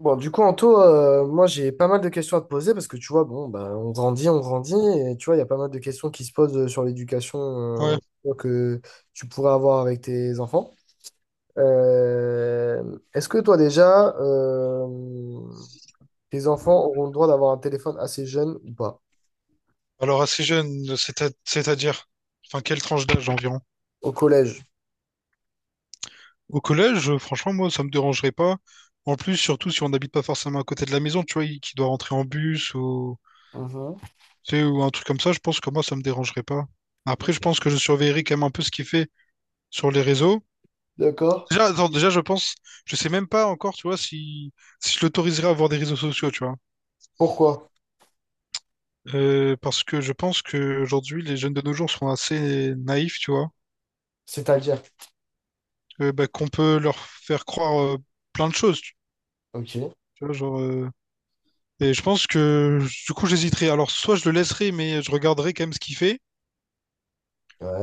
Bon, du coup, Anto, moi j'ai pas mal de questions à te poser parce que tu vois, bon, ben, on grandit, et tu vois, il y a pas mal de questions qui se posent sur l'éducation Ouais. euh, que tu pourrais avoir avec tes enfants. Est-ce que toi déjà, tes enfants auront le droit d'avoir un téléphone assez jeune ou pas? Alors assez jeune, c'est c'est-à-dire, enfin quelle tranche d'âge environ? Au collège. Au collège, franchement, moi, ça me dérangerait pas. En plus, surtout si on n'habite pas forcément à côté de la maison, tu vois, qui doit rentrer en bus ou, Mhm. tu sais, ou un truc comme ça, je pense que moi, ça me dérangerait pas. Après, je pense que je surveillerai quand même un peu ce qu'il fait sur les réseaux. D'accord. Déjà, attends, déjà, je pense, je sais même pas encore, tu vois, si je l'autoriserais à avoir des réseaux sociaux, tu vois. Pourquoi? Parce que je pense que aujourd'hui les jeunes de nos jours sont assez naïfs, tu vois. C'est-à-dire. Bah, qu'on peut leur faire croire plein de choses. Tu Ok. tu vois, genre, et je pense que du coup, j'hésiterai. Alors, soit je le laisserai, mais je regarderai quand même ce qu'il fait,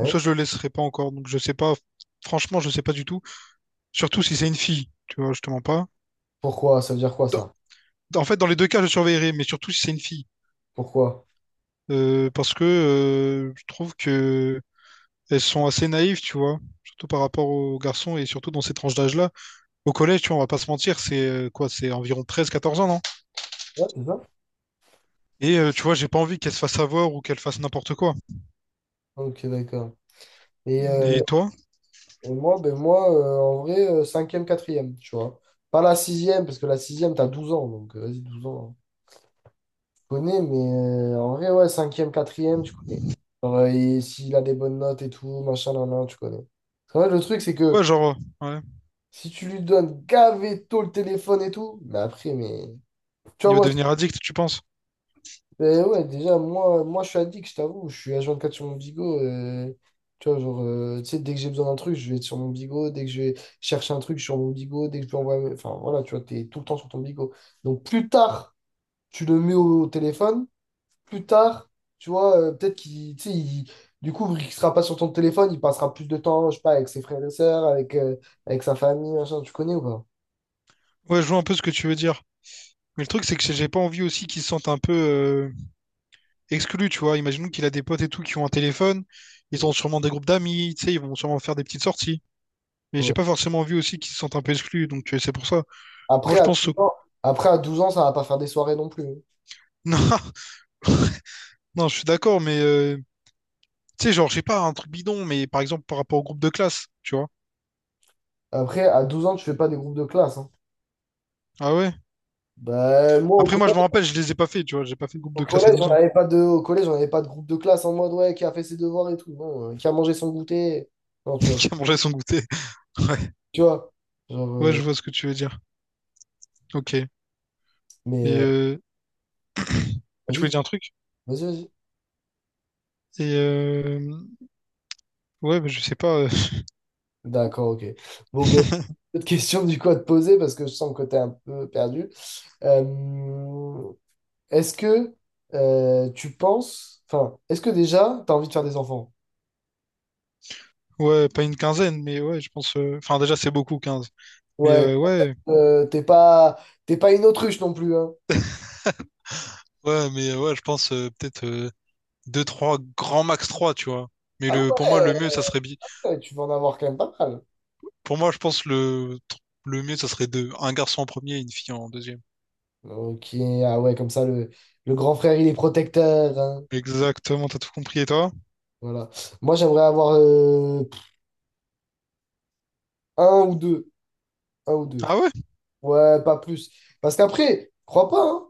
ou soit je le laisserai pas encore. Donc, je sais pas. Franchement, je sais pas du tout. Surtout si c'est une fille, tu vois, je te mens pas. Pourquoi? Ça veut dire quoi ça? En fait, dans les deux cas, je surveillerai, mais surtout si c'est une fille. Pourquoi? Parce que je trouve que elles sont assez naïves, tu vois, surtout par rapport aux garçons et surtout dans ces tranches d'âge-là. Au collège, tu vois, on va pas se mentir, c'est quoi, c'est environ 13, 14 ans, non? Ouais, c'est ça. Et tu vois, j'ai pas envie qu'elle se fasse avoir ou qu'elle fasse n'importe quoi. Ok, d'accord. Et Et euh, toi? Et moi, ben moi en vrai, cinquième, quatrième, tu vois. Pas la sixième, parce que la sixième, t'as 12 ans, donc vas-y, 12 ans. Hein. Tu connais, mais en vrai, ouais, cinquième, quatrième, tu connais. Genre, et s'il a des bonnes notes et tout, machin, nan, nan, tu connais. En vrai, le truc, c'est que Ouais, genre, ouais. si tu lui donnes gavé tôt le téléphone et tout, mais après, mais... Tu Il vois, va moi, devenir addict, tu penses? mais ouais, déjà, moi je suis addict, je t'avoue. Je suis H24 sur mon Bigo. Tu vois, genre, tu sais, dès que j'ai besoin d'un truc, je vais être sur mon Bigo. Dès que je vais chercher un truc, je suis sur mon Bigo. Dès que je peux envoyer. Enfin, voilà, tu vois, t'es tout le temps sur ton Bigo. Donc, plus tard, tu le mets au téléphone. Plus tard, tu vois, peut-être qu'il. Tu sais, du coup, il sera pas sur ton téléphone, il passera plus de temps, je sais pas, avec ses frères et sœurs, avec sa famille, machin. Tu connais ou pas? Ouais, je vois un peu ce que tu veux dire. Mais le truc, c'est que j'ai pas envie aussi qu'il se sente un peu exclu, tu vois. Imaginons qu'il a des potes et tout qui ont un téléphone. Ils Euh, ont sûrement des groupes d'amis, tu sais, ils vont sûrement faire des petites sorties. Mais j'ai Ouais. pas forcément envie aussi qu'ils se sentent un peu exclus, donc c'est pour ça. Moi, Après, je à pense... 12 ans, après, à 12 ans, ça va pas faire des soirées non plus. Hein. Non, non, je suis d'accord, mais... tu sais, genre, je sais pas, un truc bidon, mais par exemple, par rapport au groupe de classe, tu vois. Après, à 12 ans, tu fais pas des groupes de classe. Hein. Ah ouais? Bah, moi, au Après, moi, je me collège, rappelle, je les ai pas fait, tu vois. J'ai pas fait de groupe au de classe à collège, on 12 ans. n'avait pas de, au collège, on avait pas de groupe de classe en mode, ouais, qui a fait ses devoirs et tout. Non, qui a mangé son goûter. Non, tu vois. Qui a mangé son goûter. Ouais. Tu vois. Genre, Ouais, je vois ce que tu veux dire. Ok. Et mais euh, tu vas-y, voulais dire un truc? vas-y, vas-y. Et ouais, mais je sais pas. D'accord, ok. Bon, ben, autre question du coup à te poser parce que je sens que t'es un peu perdu. Euh, est-ce que tu penses, enfin, est-ce que déjà, t'as envie de faire des enfants? Ouais, pas une quinzaine, mais ouais, je pense. Enfin, déjà, c'est beaucoup, quinze. Mais Ouais, ouais. euh, t'es pas, t'es pas une autruche non plus, hein. Ouais, mais ouais, je pense peut-être 2, 3, grand max 3 tu vois. Mais Ah pour moi, ouais. le mieux, ça serait... Ouais, tu vas en avoir quand même pas mal. pour moi, je pense le mieux, ça serait deux. Un garçon en premier et une fille en deuxième. Ok, ah ouais, comme ça, le grand frère, il est protecteur. Hein. Exactement, t'as tout compris. Et toi? Voilà. Moi, j'aimerais avoir un ou deux. Un ou deux. Ah ouais? Ouais, pas plus. Parce qu'après, crois pas, hein.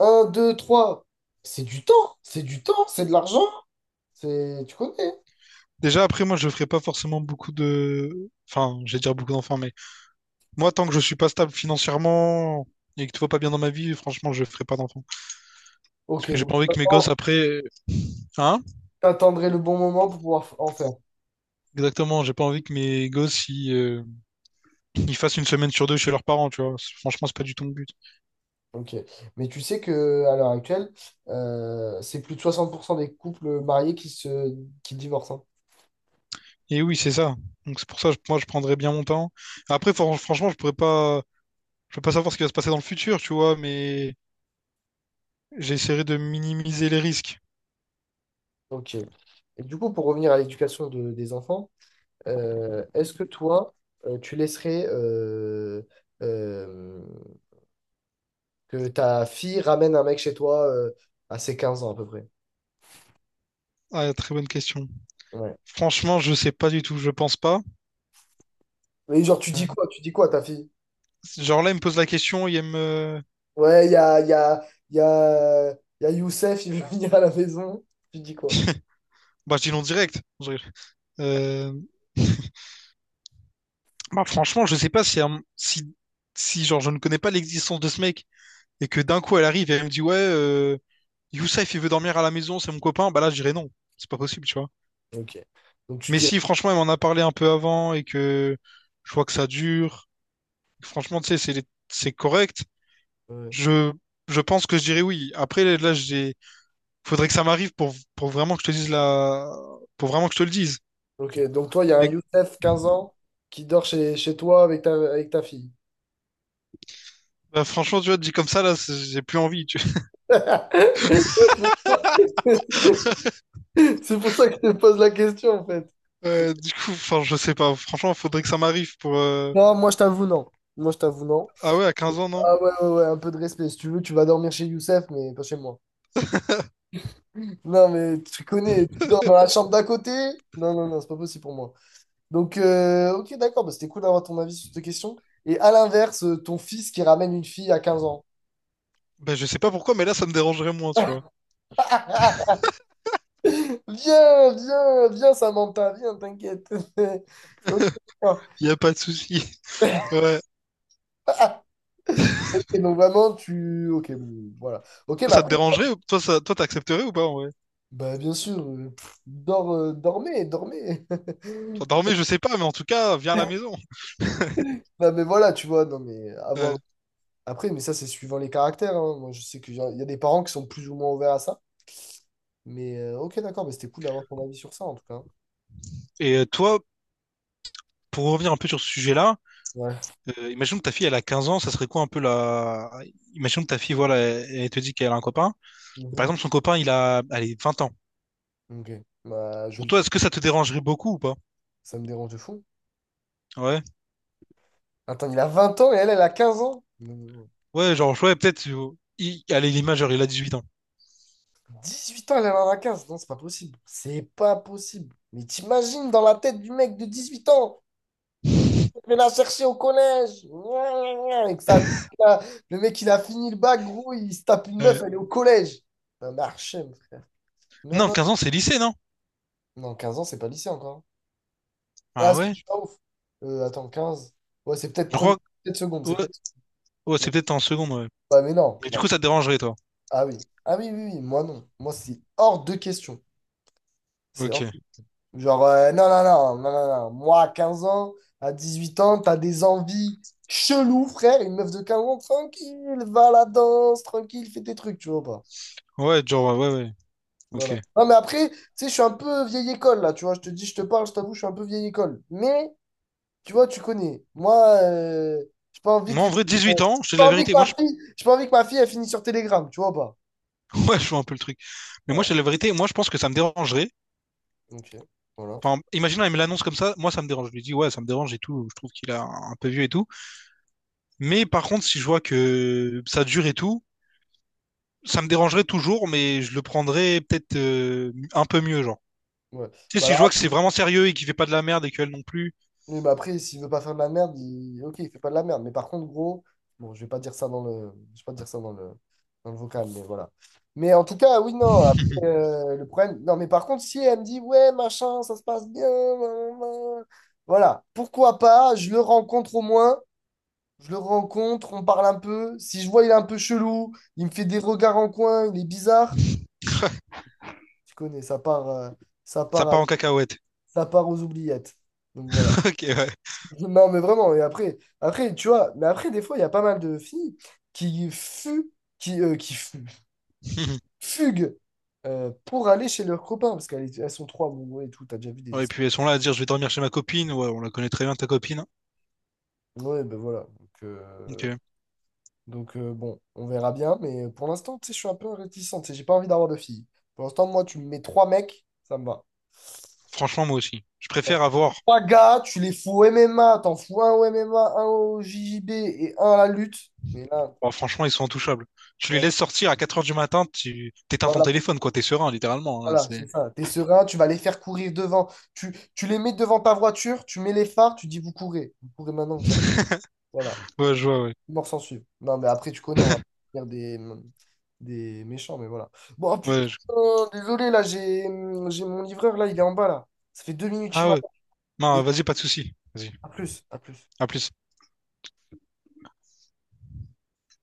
Un, deux, trois. C'est du temps. C'est du temps. C'est de l'argent. C'est... Tu connais. Hein. Déjà, après, moi, je ferai pas forcément beaucoup de. Enfin, je vais dire beaucoup d'enfants, mais. Moi, tant que je suis pas stable financièrement et que tout va pas bien dans ma vie, franchement, je ferai pas d'enfant. Parce Ok, que j'ai donc pas envie que mes gosses après, hein? t'attendrais le bon moment pour pouvoir en faire. Exactement, j'ai pas envie que mes gosses ils, ils fassent une semaine sur deux chez leurs parents, tu vois. Franchement, c'est pas du tout mon but. Ok. Mais tu sais que à l'heure actuelle, c'est plus de 60% des couples mariés qui divorcent. Hein. Et oui, c'est ça. Donc c'est pour ça, moi, je prendrais bien mon temps. Après, franchement, je peux pas savoir ce qui va se passer dans le futur, tu vois, mais j'essaierai de minimiser les risques. Ok. Et du coup, pour revenir à l'éducation des enfants, est-ce que toi, tu laisserais euh, que ta fille ramène un mec chez toi à ses 15 ans à peu près? Ah, très bonne question. Ouais. Franchement, je sais pas du tout, je pense pas. Mais genre, tu Euh, dis quoi? Tu dis quoi à ta fille? Genre là, il me pose la question, il me... Ouais, il y a, il y a Youssef, il veut venir à la maison. Tu dis quoi? Bah, je dis non direct. Je Euh, Bah, franchement, je sais pas si, un- si, si genre, je ne connais pas l'existence de ce mec et que d'un coup elle arrive et elle me dit ouais, Youssef il veut dormir à la maison, c'est mon copain, bah là je dirais non, c'est pas possible, tu vois. Ok. Donc tu Mais dirais. si franchement elle m'en a parlé un peu avant et que je vois que ça dure, franchement tu sais c'est correct, Ouais. je je pense que je dirais oui. Après là j'ai faudrait que ça m'arrive pour vraiment que je te dise la pour vraiment que je te le dise. Ok. Donc toi, il y a un Mais Youssef, 15 ans, qui dort chez toi avec ta fille. bah, franchement tu vois dit comme ça là j'ai plus envie, tu vois. C'est pour ça que je te pose la question en fait. Ouais, du coup, enfin, je sais pas. Franchement, faudrait que ça m'arrive pour. Non, moi je t'avoue, non. Moi je t'avoue, non. Ah ouais, à 15 ans, non? Ah ouais, ouais, ouais, un peu de respect. Si tu veux, tu vas dormir chez Youssef, mais pas chez moi. Non, mais tu connais, tu dors dans la chambre d'à côté. Non, non, non, c'est pas possible pour moi. Donc, ok, d'accord, bah, c'était cool d'avoir ton avis sur cette question. Et à l'inverse, ton fils qui ramène une fille à 15 ans. Ben, je sais pas pourquoi, mais là, ça me dérangerait moins, tu vois. Viens, viens, viens, Samantha, viens, t'inquiète. Ok, d'accord. Y a pas de souci. Ouais. Et donc vraiment, tu... Ok, bon, voilà. Ok, mais Toi, ça te après, dérangerait? Toi, ça... toi, t'accepterais ou pas, en vrai? bah, bien sûr, dormez, dormez. Enfin, dormir, je sais pas, mais en tout cas, viens à la maison. Bah, mais voilà, tu vois, non, mais Ouais. avoir. Après, mais ça, c'est suivant les caractères. Hein. Moi, je sais qu'il y a des parents qui sont plus ou moins ouverts à ça. Mais ok, d'accord, mais c'était cool d'avoir ton avis sur ça, en tout cas. Et toi, pour revenir un peu sur ce sujet-là, Ouais. Imagine que ta fille, elle a 15 ans, ça serait quoi un peu la... Imagine que ta fille, voilà, elle, elle te dit qu'elle a un copain. Par Mhm. exemple, son copain, il a, allez, 20 ans. Ok. Bah, je Pour le toi, tue. est-ce que ça te dérangerait beaucoup ou pas? Ça me dérange de fou. Ouais. Attends, il a 20 ans et elle a 15 ans? Non, non, Ouais, genre, ouais, peut-être, il... allez, l'image, genre, il a 18 ans. non. 18 ans, elle en a 15. Non, c'est pas possible. C'est pas possible. Mais t'imagines dans la tête du mec de 18 ans, il l'a cherché au collège. Gna, gna, gna, avec sa... Le mec, il a fini le bac, gros, il se tape une Euh, meuf, elle est au collège. Un archem. Non, non, non. 15 ans, c'est lycée, non? Non, 15 ans, c'est pas lycée encore. Ah, Ah si, je ouais? suis pas ouf. Attends, quinze. Ouais, c'est peut-être Je premier, crois que- peut-être seconde, Ouais, c'est peut-être. ouais, Mais... c'est peut-être en seconde, ouais. Ouais, mais non, Mais du non. coup, ça te dérangerait, toi. Ah oui. Ah oui, oui, oui, moi non. Moi, c'est hors de question. C'est hors... Ok. Genre, non, non, non, non, non, non. Moi, à 15 ans, à 18 ans, t'as des envies cheloues, frère. Une meuf de 15 ans, tranquille, va à la danse, tranquille, fais tes trucs, tu vois ou pas. Ouais, genre, ouais, ouais, ouais. Ok. Voilà. Non, mais après, tu sais, je suis un peu vieille école, là, tu vois. Je te dis, je te parle, je t'avoue, je suis un peu vieille école. Mais. Tu vois, tu connais. Moi, euh, j'ai pas envie Moi, que. en vrai, J'ai 18 ans, je te dis pas la envie que vérité. Moi, je... ma fille, j'ai pas envie que ma fille, elle finisse sur Telegram, tu vois ou pas? Ouais, je vois un peu le truc. Mais moi, je Voilà. te dis la vérité. Moi, je pense que ça me dérangerait. Ok. Voilà. Enfin, imagine, elle me l'annonce comme ça. Moi, ça me dérange. Je lui dis, ouais, ça me dérange et tout. Je trouve qu'il a un peu vieux et tout. Mais par contre, si je vois que ça dure et tout, ça me dérangerait toujours, mais je le prendrais peut-être un peu mieux, genre. Ouais. Tu sais, Bah si là, je vois que c'est vraiment sérieux et qu'il fait pas de la merde et qu'elle non plus. oui, mais après, s'il veut pas faire de la merde, il... ok, il fait pas de la merde. Mais par contre, gros, bon, je vais pas dire ça dans le. Je vais pas dire ça dans le vocal, mais voilà. Mais en tout cas, oui, non. Après, le problème. Non, mais par contre, si elle me dit, ouais, machin, ça se passe bien. Blablabla. Voilà. Pourquoi pas? Je le rencontre au moins. Je le rencontre, on parle un peu. Si je vois, il est un peu chelou, il me fait des regards en coin, il est bizarre. Tu connais, ça Ça part, à- part en cacahuète. ça part aux oubliettes. Donc voilà. Ok, ouais. Non, mais vraiment. Et après, tu vois, mais après, des fois, il y a pas mal de filles qui fuient, qui fuguent pour aller chez leurs copains parce qu'elles sont trois, bon, ouais, et tout. T'as déjà vu des Ouais, et histoires. puis elles sont là à dire je vais dormir chez ma copine. Ouais, on la connaît très bien ta copine. Ouais, ben voilà. Donc, Ok. Bon, on verra bien, mais pour l'instant, tu sais, je suis un peu réticent, tu sais, j'ai pas envie d'avoir de filles. Pour l'instant, moi, tu me mets trois mecs, ça me va. Franchement, moi aussi. Je Bon, préfère avoir. trois gars, tu les fous au MMA, t'en fous un au MMA, un au JJB et un à la lutte. Mais là, Bon, franchement, ils sont intouchables. Tu les voilà, laisses sortir à 4 heures du matin, tu t'éteins ton voilà, téléphone, quoi. T'es serein, littéralement. Là, voilà, c'est... c'est ça. T'es serein, tu vas les faire courir devant. Tu les mets devant ta voiture, tu mets les phares, tu dis vous courez. Vous courez maintenant, vous arrêtez. Voilà. Ouais, Les je vois, ouais. morts s'en suivent. Non, mais après, tu connais, on va faire des méchants, mais voilà. Bon, ah, putain, Ouais, je- désolé, là, j'ai mon livreur, là, il est en bas, là. Ça fait 2 minutes qu'il Ah ouais. m'attend. Non, Désolé. vas-y, pas de souci. Vas-y. À plus, à plus. À plus.